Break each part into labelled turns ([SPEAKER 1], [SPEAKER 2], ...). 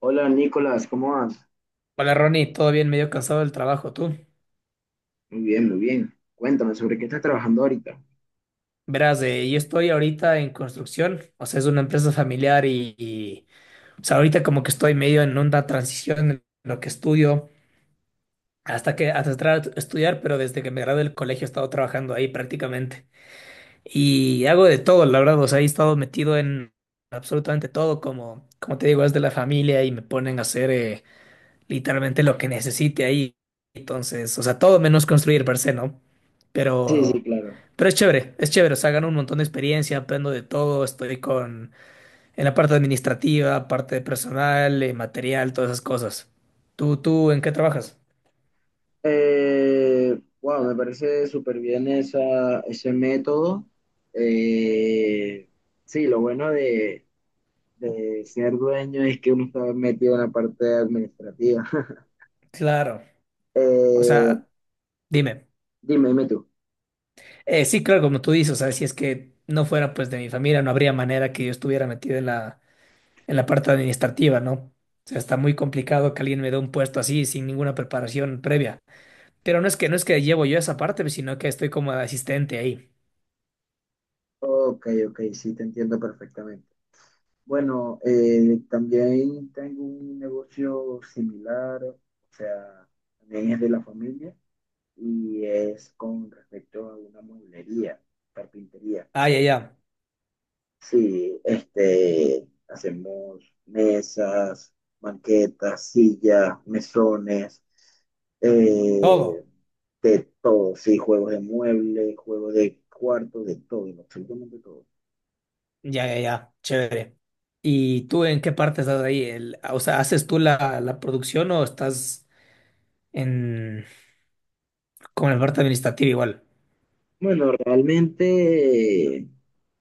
[SPEAKER 1] Hola Nicolás, ¿cómo vas?
[SPEAKER 2] Hola Ronnie, todo bien, medio cansado del trabajo, tú.
[SPEAKER 1] Muy bien, muy bien. Cuéntame, ¿sobre qué estás trabajando ahorita?
[SPEAKER 2] Verás, yo estoy ahorita en construcción, o sea, es una empresa familiar o sea, ahorita como que estoy medio en una transición en lo que estudio, hasta entrar a estudiar, pero desde que me gradué del colegio he estado trabajando ahí prácticamente. Y hago de todo, la verdad, o sea, he estado metido en absolutamente todo, como te digo, es de la familia y me ponen a hacer, literalmente lo que necesite ahí. Entonces, o sea, todo menos construir per se, ¿no?
[SPEAKER 1] Sí,
[SPEAKER 2] Pero,
[SPEAKER 1] sí, claro.
[SPEAKER 2] pero es chévere, o sea, gano un montón de experiencia, aprendo de todo, en la parte administrativa, parte de personal, material, todas esas cosas. En qué trabajas?
[SPEAKER 1] Wow, me parece súper bien ese método. Eh, sí, lo bueno de ser dueño es que uno está metido en la parte administrativa.
[SPEAKER 2] Claro, o
[SPEAKER 1] Eh,
[SPEAKER 2] sea, dime.
[SPEAKER 1] Dime, dime tú.
[SPEAKER 2] Sí, claro, como tú dices, o sea, si es que no fuera pues de mi familia, no habría manera que yo estuviera metido en la parte administrativa, ¿no? O sea, está muy complicado que alguien me dé un puesto así sin ninguna preparación previa. Pero no es que llevo yo esa parte, pues, sino que estoy como de asistente ahí.
[SPEAKER 1] Ok, ok, sí, te entiendo perfectamente. Bueno, también tengo un negocio similar, o sea, también es de la familia. Y es con respecto a una mueblería, carpintería.
[SPEAKER 2] Ah, ya, ya.
[SPEAKER 1] Sí, hacemos mesas, banquetas, sillas, mesones, eh,
[SPEAKER 2] Todo.
[SPEAKER 1] de todo, sí, juegos de muebles, juegos de cuarto, de todo, absolutamente todo.
[SPEAKER 2] Ya, ya, ya. Chévere. ¿Y tú en qué parte estás ahí? O sea, ¿haces tú la producción o estás en como en la parte administrativa igual?
[SPEAKER 1] Bueno, realmente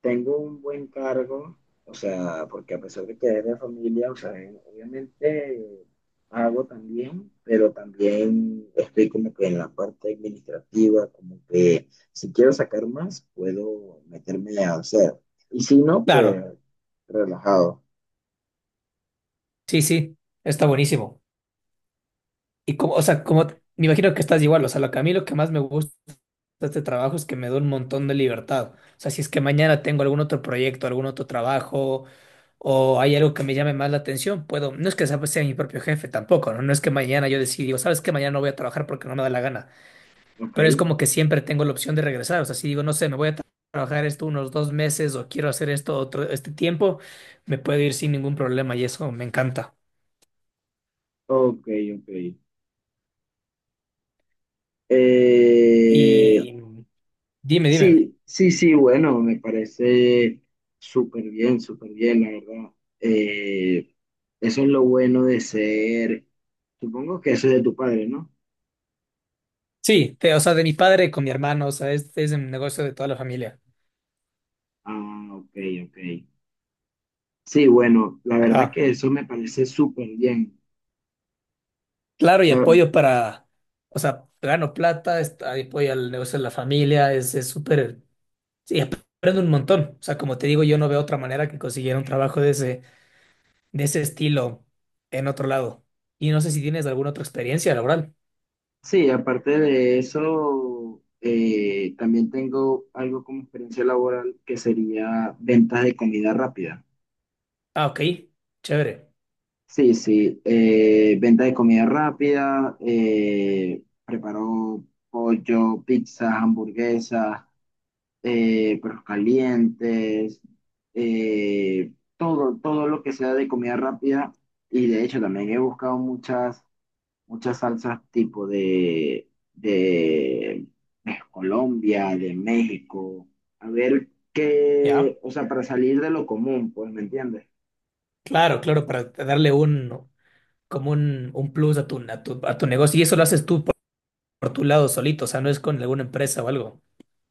[SPEAKER 1] tengo un buen cargo, o sea, porque a pesar de que es de familia, o sea, obviamente hago también, pero también estoy como que en la parte administrativa, como que si quiero sacar más, puedo meterme a hacer. Y si no, pues
[SPEAKER 2] Claro.
[SPEAKER 1] relajado.
[SPEAKER 2] Sí, sí. Está buenísimo. Y como, o sea, me imagino que estás igual, o sea, lo que a mí lo que más me gusta de este trabajo es que me da un montón de libertad. O sea, si es que mañana tengo algún otro proyecto, algún otro trabajo, o hay algo que me llame más la atención, puedo, no es que sea, pues sea mi propio jefe tampoco, ¿no? No es que mañana yo decida, digo, sabes que mañana no voy a trabajar porque no me da la gana,
[SPEAKER 1] Ok,
[SPEAKER 2] pero es como que siempre tengo la opción de regresar. O sea, si digo, no sé, me voy a tra- trabajar esto unos dos meses o quiero hacer esto otro, este tiempo, me puedo ir sin ningún problema y eso me encanta.
[SPEAKER 1] ok, ok. Eh,
[SPEAKER 2] Y dime, dime.
[SPEAKER 1] Sí, sí, sí, bueno, me parece súper bien, la verdad. Eh, Eso es lo bueno de ser, supongo que eso es de tu padre, ¿no?
[SPEAKER 2] Sí, o sea, de mi padre con mi hermano, o sea, este es un negocio de toda la familia.
[SPEAKER 1] Ah, ok, ok. Sí, bueno, la verdad
[SPEAKER 2] Ajá.
[SPEAKER 1] que eso me parece súper bien.
[SPEAKER 2] Claro,
[SPEAKER 1] Ya-
[SPEAKER 2] o sea, gano plata, apoyo al negocio de la familia, es súper, sí, aprendo un montón. O sea, como te digo, yo no veo otra manera que conseguir un trabajo de ese estilo en otro lado. Y no sé si tienes alguna otra experiencia laboral.
[SPEAKER 1] sí, aparte de eso, también tengo algo como experiencia laboral que sería ventas de comida rápida.
[SPEAKER 2] Ah, ok, chévere.
[SPEAKER 1] Sí, sí, venta de comida rápida, preparó pollo, pizzas, hamburguesas, perros calientes, todo, todo lo que sea de comida rápida. Y de hecho también he buscado muchas, muchas salsas tipo de, de, de, Colombia, de México, a ver
[SPEAKER 2] Ya,
[SPEAKER 1] qué, o sea, para salir de lo común, pues, ¿me entiendes?
[SPEAKER 2] claro, claro, para darle como un plus a a tu negocio. Y eso lo haces tú por tu lado solito, o sea, no es con alguna empresa o algo.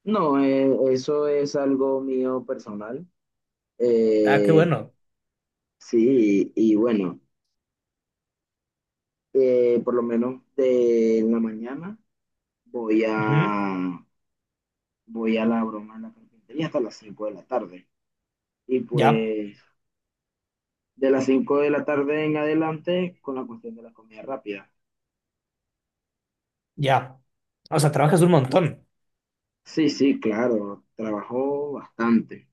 [SPEAKER 1] No, eso es algo mío personal.
[SPEAKER 2] Ah, qué
[SPEAKER 1] Eh,
[SPEAKER 2] bueno.
[SPEAKER 1] sí, y bueno, por lo menos de la mañana voy
[SPEAKER 2] Ujú.
[SPEAKER 1] a, voy a la broma de la carpintería hasta las 5 de la tarde. Y
[SPEAKER 2] Ya,
[SPEAKER 1] pues de las 5 de la tarde en adelante con la cuestión de la comida rápida.
[SPEAKER 2] ya. O sea, trabajas un montón.
[SPEAKER 1] Sí, sí, claro, trabajo bastante.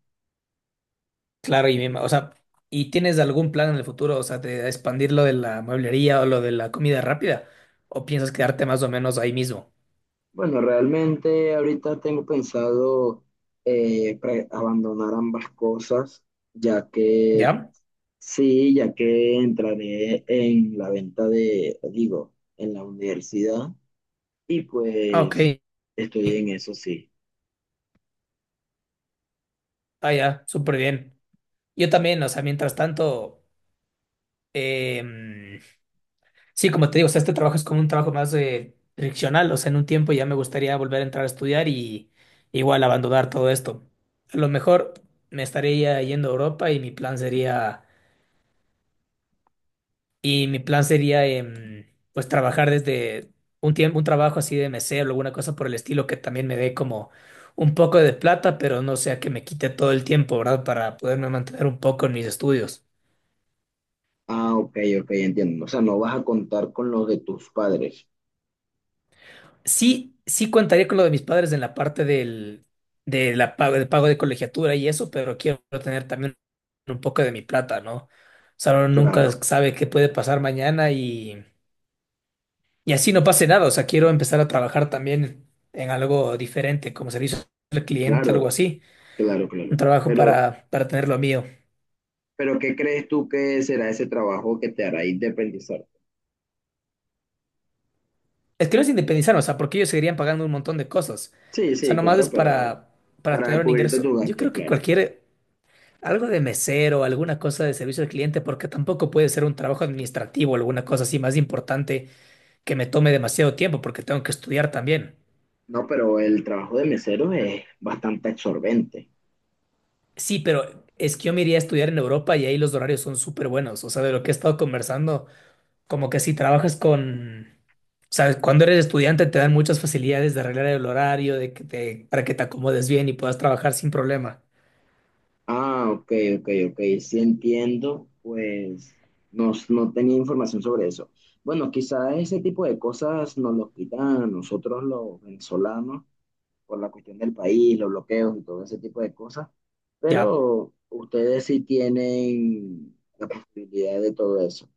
[SPEAKER 2] Claro, o sea, ¿y tienes algún plan en el futuro? O sea, de expandir lo de la mueblería o lo de la comida rápida. ¿O piensas quedarte más o menos ahí mismo?
[SPEAKER 1] Bueno, realmente ahorita tengo pensado abandonar ambas cosas, ya que...
[SPEAKER 2] ¿Ya?
[SPEAKER 1] Sí, ya que entraré en la venta de, digo, en la universidad y
[SPEAKER 2] Ah, ok.
[SPEAKER 1] pues estoy en eso, sí.
[SPEAKER 2] Ah, ya, súper bien. Yo también, o sea, mientras tanto, sí, como te digo, o sea, este trabajo es como un trabajo más friccional, o sea, en un tiempo ya me gustaría volver a entrar a estudiar y igual abandonar todo esto. A lo mejor me estaría yendo a Europa y mi plan sería pues trabajar desde un tiempo, un trabajo así de mesero, alguna cosa por el estilo que también me dé como un poco de plata, pero no sea que me quite todo el tiempo, ¿verdad? Para poderme mantener un poco en mis estudios.
[SPEAKER 1] Ah, ok, ok, entiendo. O sea, no vas a contar con los de tus padres.
[SPEAKER 2] Sí, sí contaría con lo de mis padres en la parte del, de la pago, del pago de colegiatura y eso, pero quiero tener también un poco de mi plata, ¿no? O sea, uno nunca
[SPEAKER 1] Claro,
[SPEAKER 2] sabe qué puede pasar mañana y así no pase nada. O sea, quiero empezar a trabajar también en algo diferente, como servicio al cliente, algo
[SPEAKER 1] claro,
[SPEAKER 2] así.
[SPEAKER 1] claro,
[SPEAKER 2] Un
[SPEAKER 1] claro.
[SPEAKER 2] trabajo
[SPEAKER 1] Pero,
[SPEAKER 2] para tener lo mío.
[SPEAKER 1] pero ¿qué crees tú que será ese trabajo que te hará independizar?
[SPEAKER 2] Es que no es independizarme, o sea, porque ellos seguirían pagando un montón de cosas.
[SPEAKER 1] Sí,
[SPEAKER 2] O sea,
[SPEAKER 1] sí,
[SPEAKER 2] nomás
[SPEAKER 1] claro,
[SPEAKER 2] es
[SPEAKER 1] pero
[SPEAKER 2] para
[SPEAKER 1] para
[SPEAKER 2] tener un
[SPEAKER 1] cubrirte tu
[SPEAKER 2] ingreso. Yo
[SPEAKER 1] gasto,
[SPEAKER 2] creo que
[SPEAKER 1] claro.
[SPEAKER 2] cualquier algo de mesero, alguna cosa de servicio al cliente, porque tampoco puede ser un trabajo administrativo, alguna cosa así más importante que me tome demasiado tiempo, porque tengo que estudiar también.
[SPEAKER 1] No, pero el trabajo de mesero es bastante absorbente.
[SPEAKER 2] Sí, pero es que yo me iría a estudiar en Europa y ahí los horarios son súper buenos. O sea, de lo que he estado conversando, como que si trabajas con, sabes, cuando eres estudiante te dan muchas facilidades de arreglar el horario, para que te acomodes bien y puedas trabajar sin problema.
[SPEAKER 1] Ah, ok, ok, ok, sí entiendo, pues no, tenía información sobre eso. Bueno, quizás ese tipo de cosas nos los quitan a nosotros los venezolanos por la cuestión del país, los bloqueos y todo ese tipo de cosas,
[SPEAKER 2] Ya.
[SPEAKER 1] pero ustedes sí tienen la posibilidad de todo eso.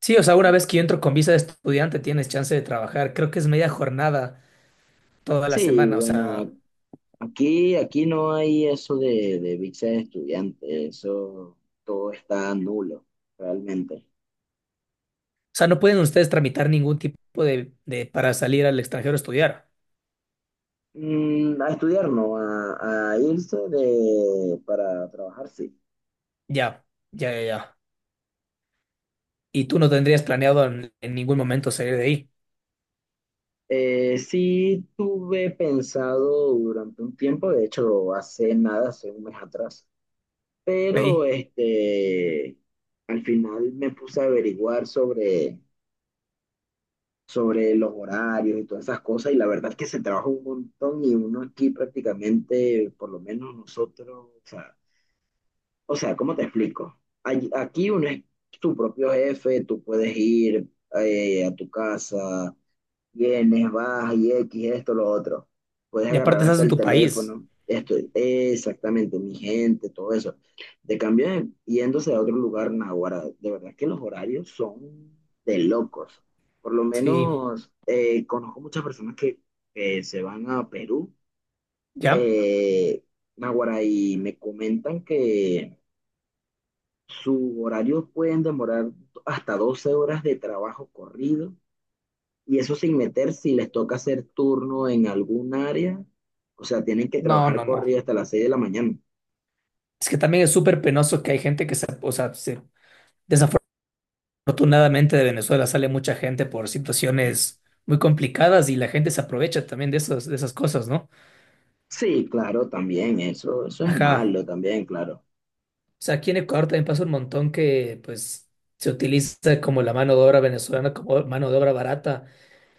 [SPEAKER 2] Sí, o sea, una
[SPEAKER 1] Bueno,
[SPEAKER 2] vez que yo entro con visa de estudiante tienes chance de trabajar. Creo que es media jornada toda la
[SPEAKER 1] sí,
[SPEAKER 2] semana.
[SPEAKER 1] bueno,
[SPEAKER 2] O
[SPEAKER 1] aquí, no hay eso de visa de estudiante, eso todo está nulo, realmente.
[SPEAKER 2] sea, no pueden ustedes tramitar ningún tipo de para salir al extranjero a estudiar.
[SPEAKER 1] Mm, a estudiar, no, a, irse para trabajar, sí.
[SPEAKER 2] Ya, ya, ya, ya. Y tú no tendrías planeado en ningún momento salir
[SPEAKER 1] Sí tuve pensado durante un tiempo, de hecho hace nada, hace un mes atrás,
[SPEAKER 2] de
[SPEAKER 1] pero
[SPEAKER 2] ahí.
[SPEAKER 1] al final me puse a averiguar sobre, los horarios y todas esas cosas y la verdad es que se trabaja un montón y uno aquí prácticamente, por lo menos nosotros, O sea, ¿cómo te explico? Aquí uno es tu propio jefe, tú puedes ir a tu casa, vienes, vas y X, esto, lo otro. Puedes
[SPEAKER 2] Y aparte
[SPEAKER 1] agarrar
[SPEAKER 2] estás
[SPEAKER 1] hasta
[SPEAKER 2] en
[SPEAKER 1] el
[SPEAKER 2] tu país.
[SPEAKER 1] teléfono, esto, exactamente, mi gente, todo eso. De cambio, yéndose a otro lugar, naguará, de verdad que los horarios son de locos. Por lo
[SPEAKER 2] Sí,
[SPEAKER 1] menos conozco muchas personas que se van a Perú,
[SPEAKER 2] ¿ya?
[SPEAKER 1] eh, naguará, y me comentan que su horario pueden demorar hasta 12 horas de trabajo corrido y eso sin meter si les toca hacer turno en algún área. O sea, tienen que
[SPEAKER 2] No,
[SPEAKER 1] trabajar
[SPEAKER 2] no, no.
[SPEAKER 1] corrido hasta las 6 de la mañana.
[SPEAKER 2] Es que también es súper penoso que hay gente o sea, desafortunadamente de Venezuela sale mucha gente por situaciones muy complicadas y la gente se aprovecha también de esas cosas, ¿no?
[SPEAKER 1] Sí, claro, también eso es
[SPEAKER 2] Ajá.
[SPEAKER 1] malo también, claro.
[SPEAKER 2] O sea, aquí en Ecuador también pasa un montón que pues se utiliza como la mano de obra venezolana como mano de obra barata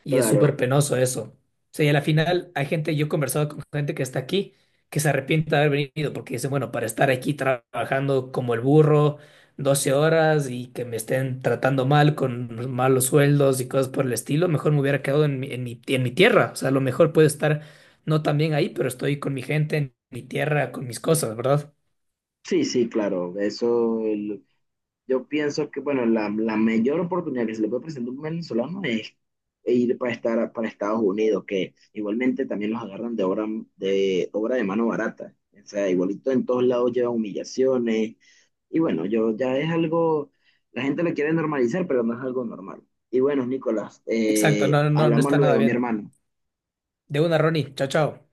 [SPEAKER 2] y es
[SPEAKER 1] Claro.
[SPEAKER 2] súper penoso eso. O sea, y a la final hay gente, yo he conversado con gente que está aquí que se arrepiente de haber venido porque dicen, bueno, para estar aquí trabajando como el burro 12 horas y que me estén tratando mal con malos sueldos y cosas por el estilo, mejor me hubiera quedado en mi tierra. O sea, a lo mejor puedo estar no tan bien ahí, pero estoy con mi gente, en mi tierra, con mis cosas, ¿verdad?
[SPEAKER 1] Sí, sí, claro. Eso. Yo pienso que, bueno, la, mayor oportunidad que se le puede presentar a un venezolano es ir para, para Estados Unidos, que igualmente también los agarran de, obra de mano barata. O sea, igualito en todos lados lleva humillaciones. Y bueno, yo ya es algo, la gente lo quiere normalizar, pero no es algo normal. Y bueno, Nicolás,
[SPEAKER 2] Exacto, no, no, no
[SPEAKER 1] hablamos
[SPEAKER 2] está nada
[SPEAKER 1] luego, mi
[SPEAKER 2] bien.
[SPEAKER 1] hermano.
[SPEAKER 2] De una, Ronnie. Chao, chao.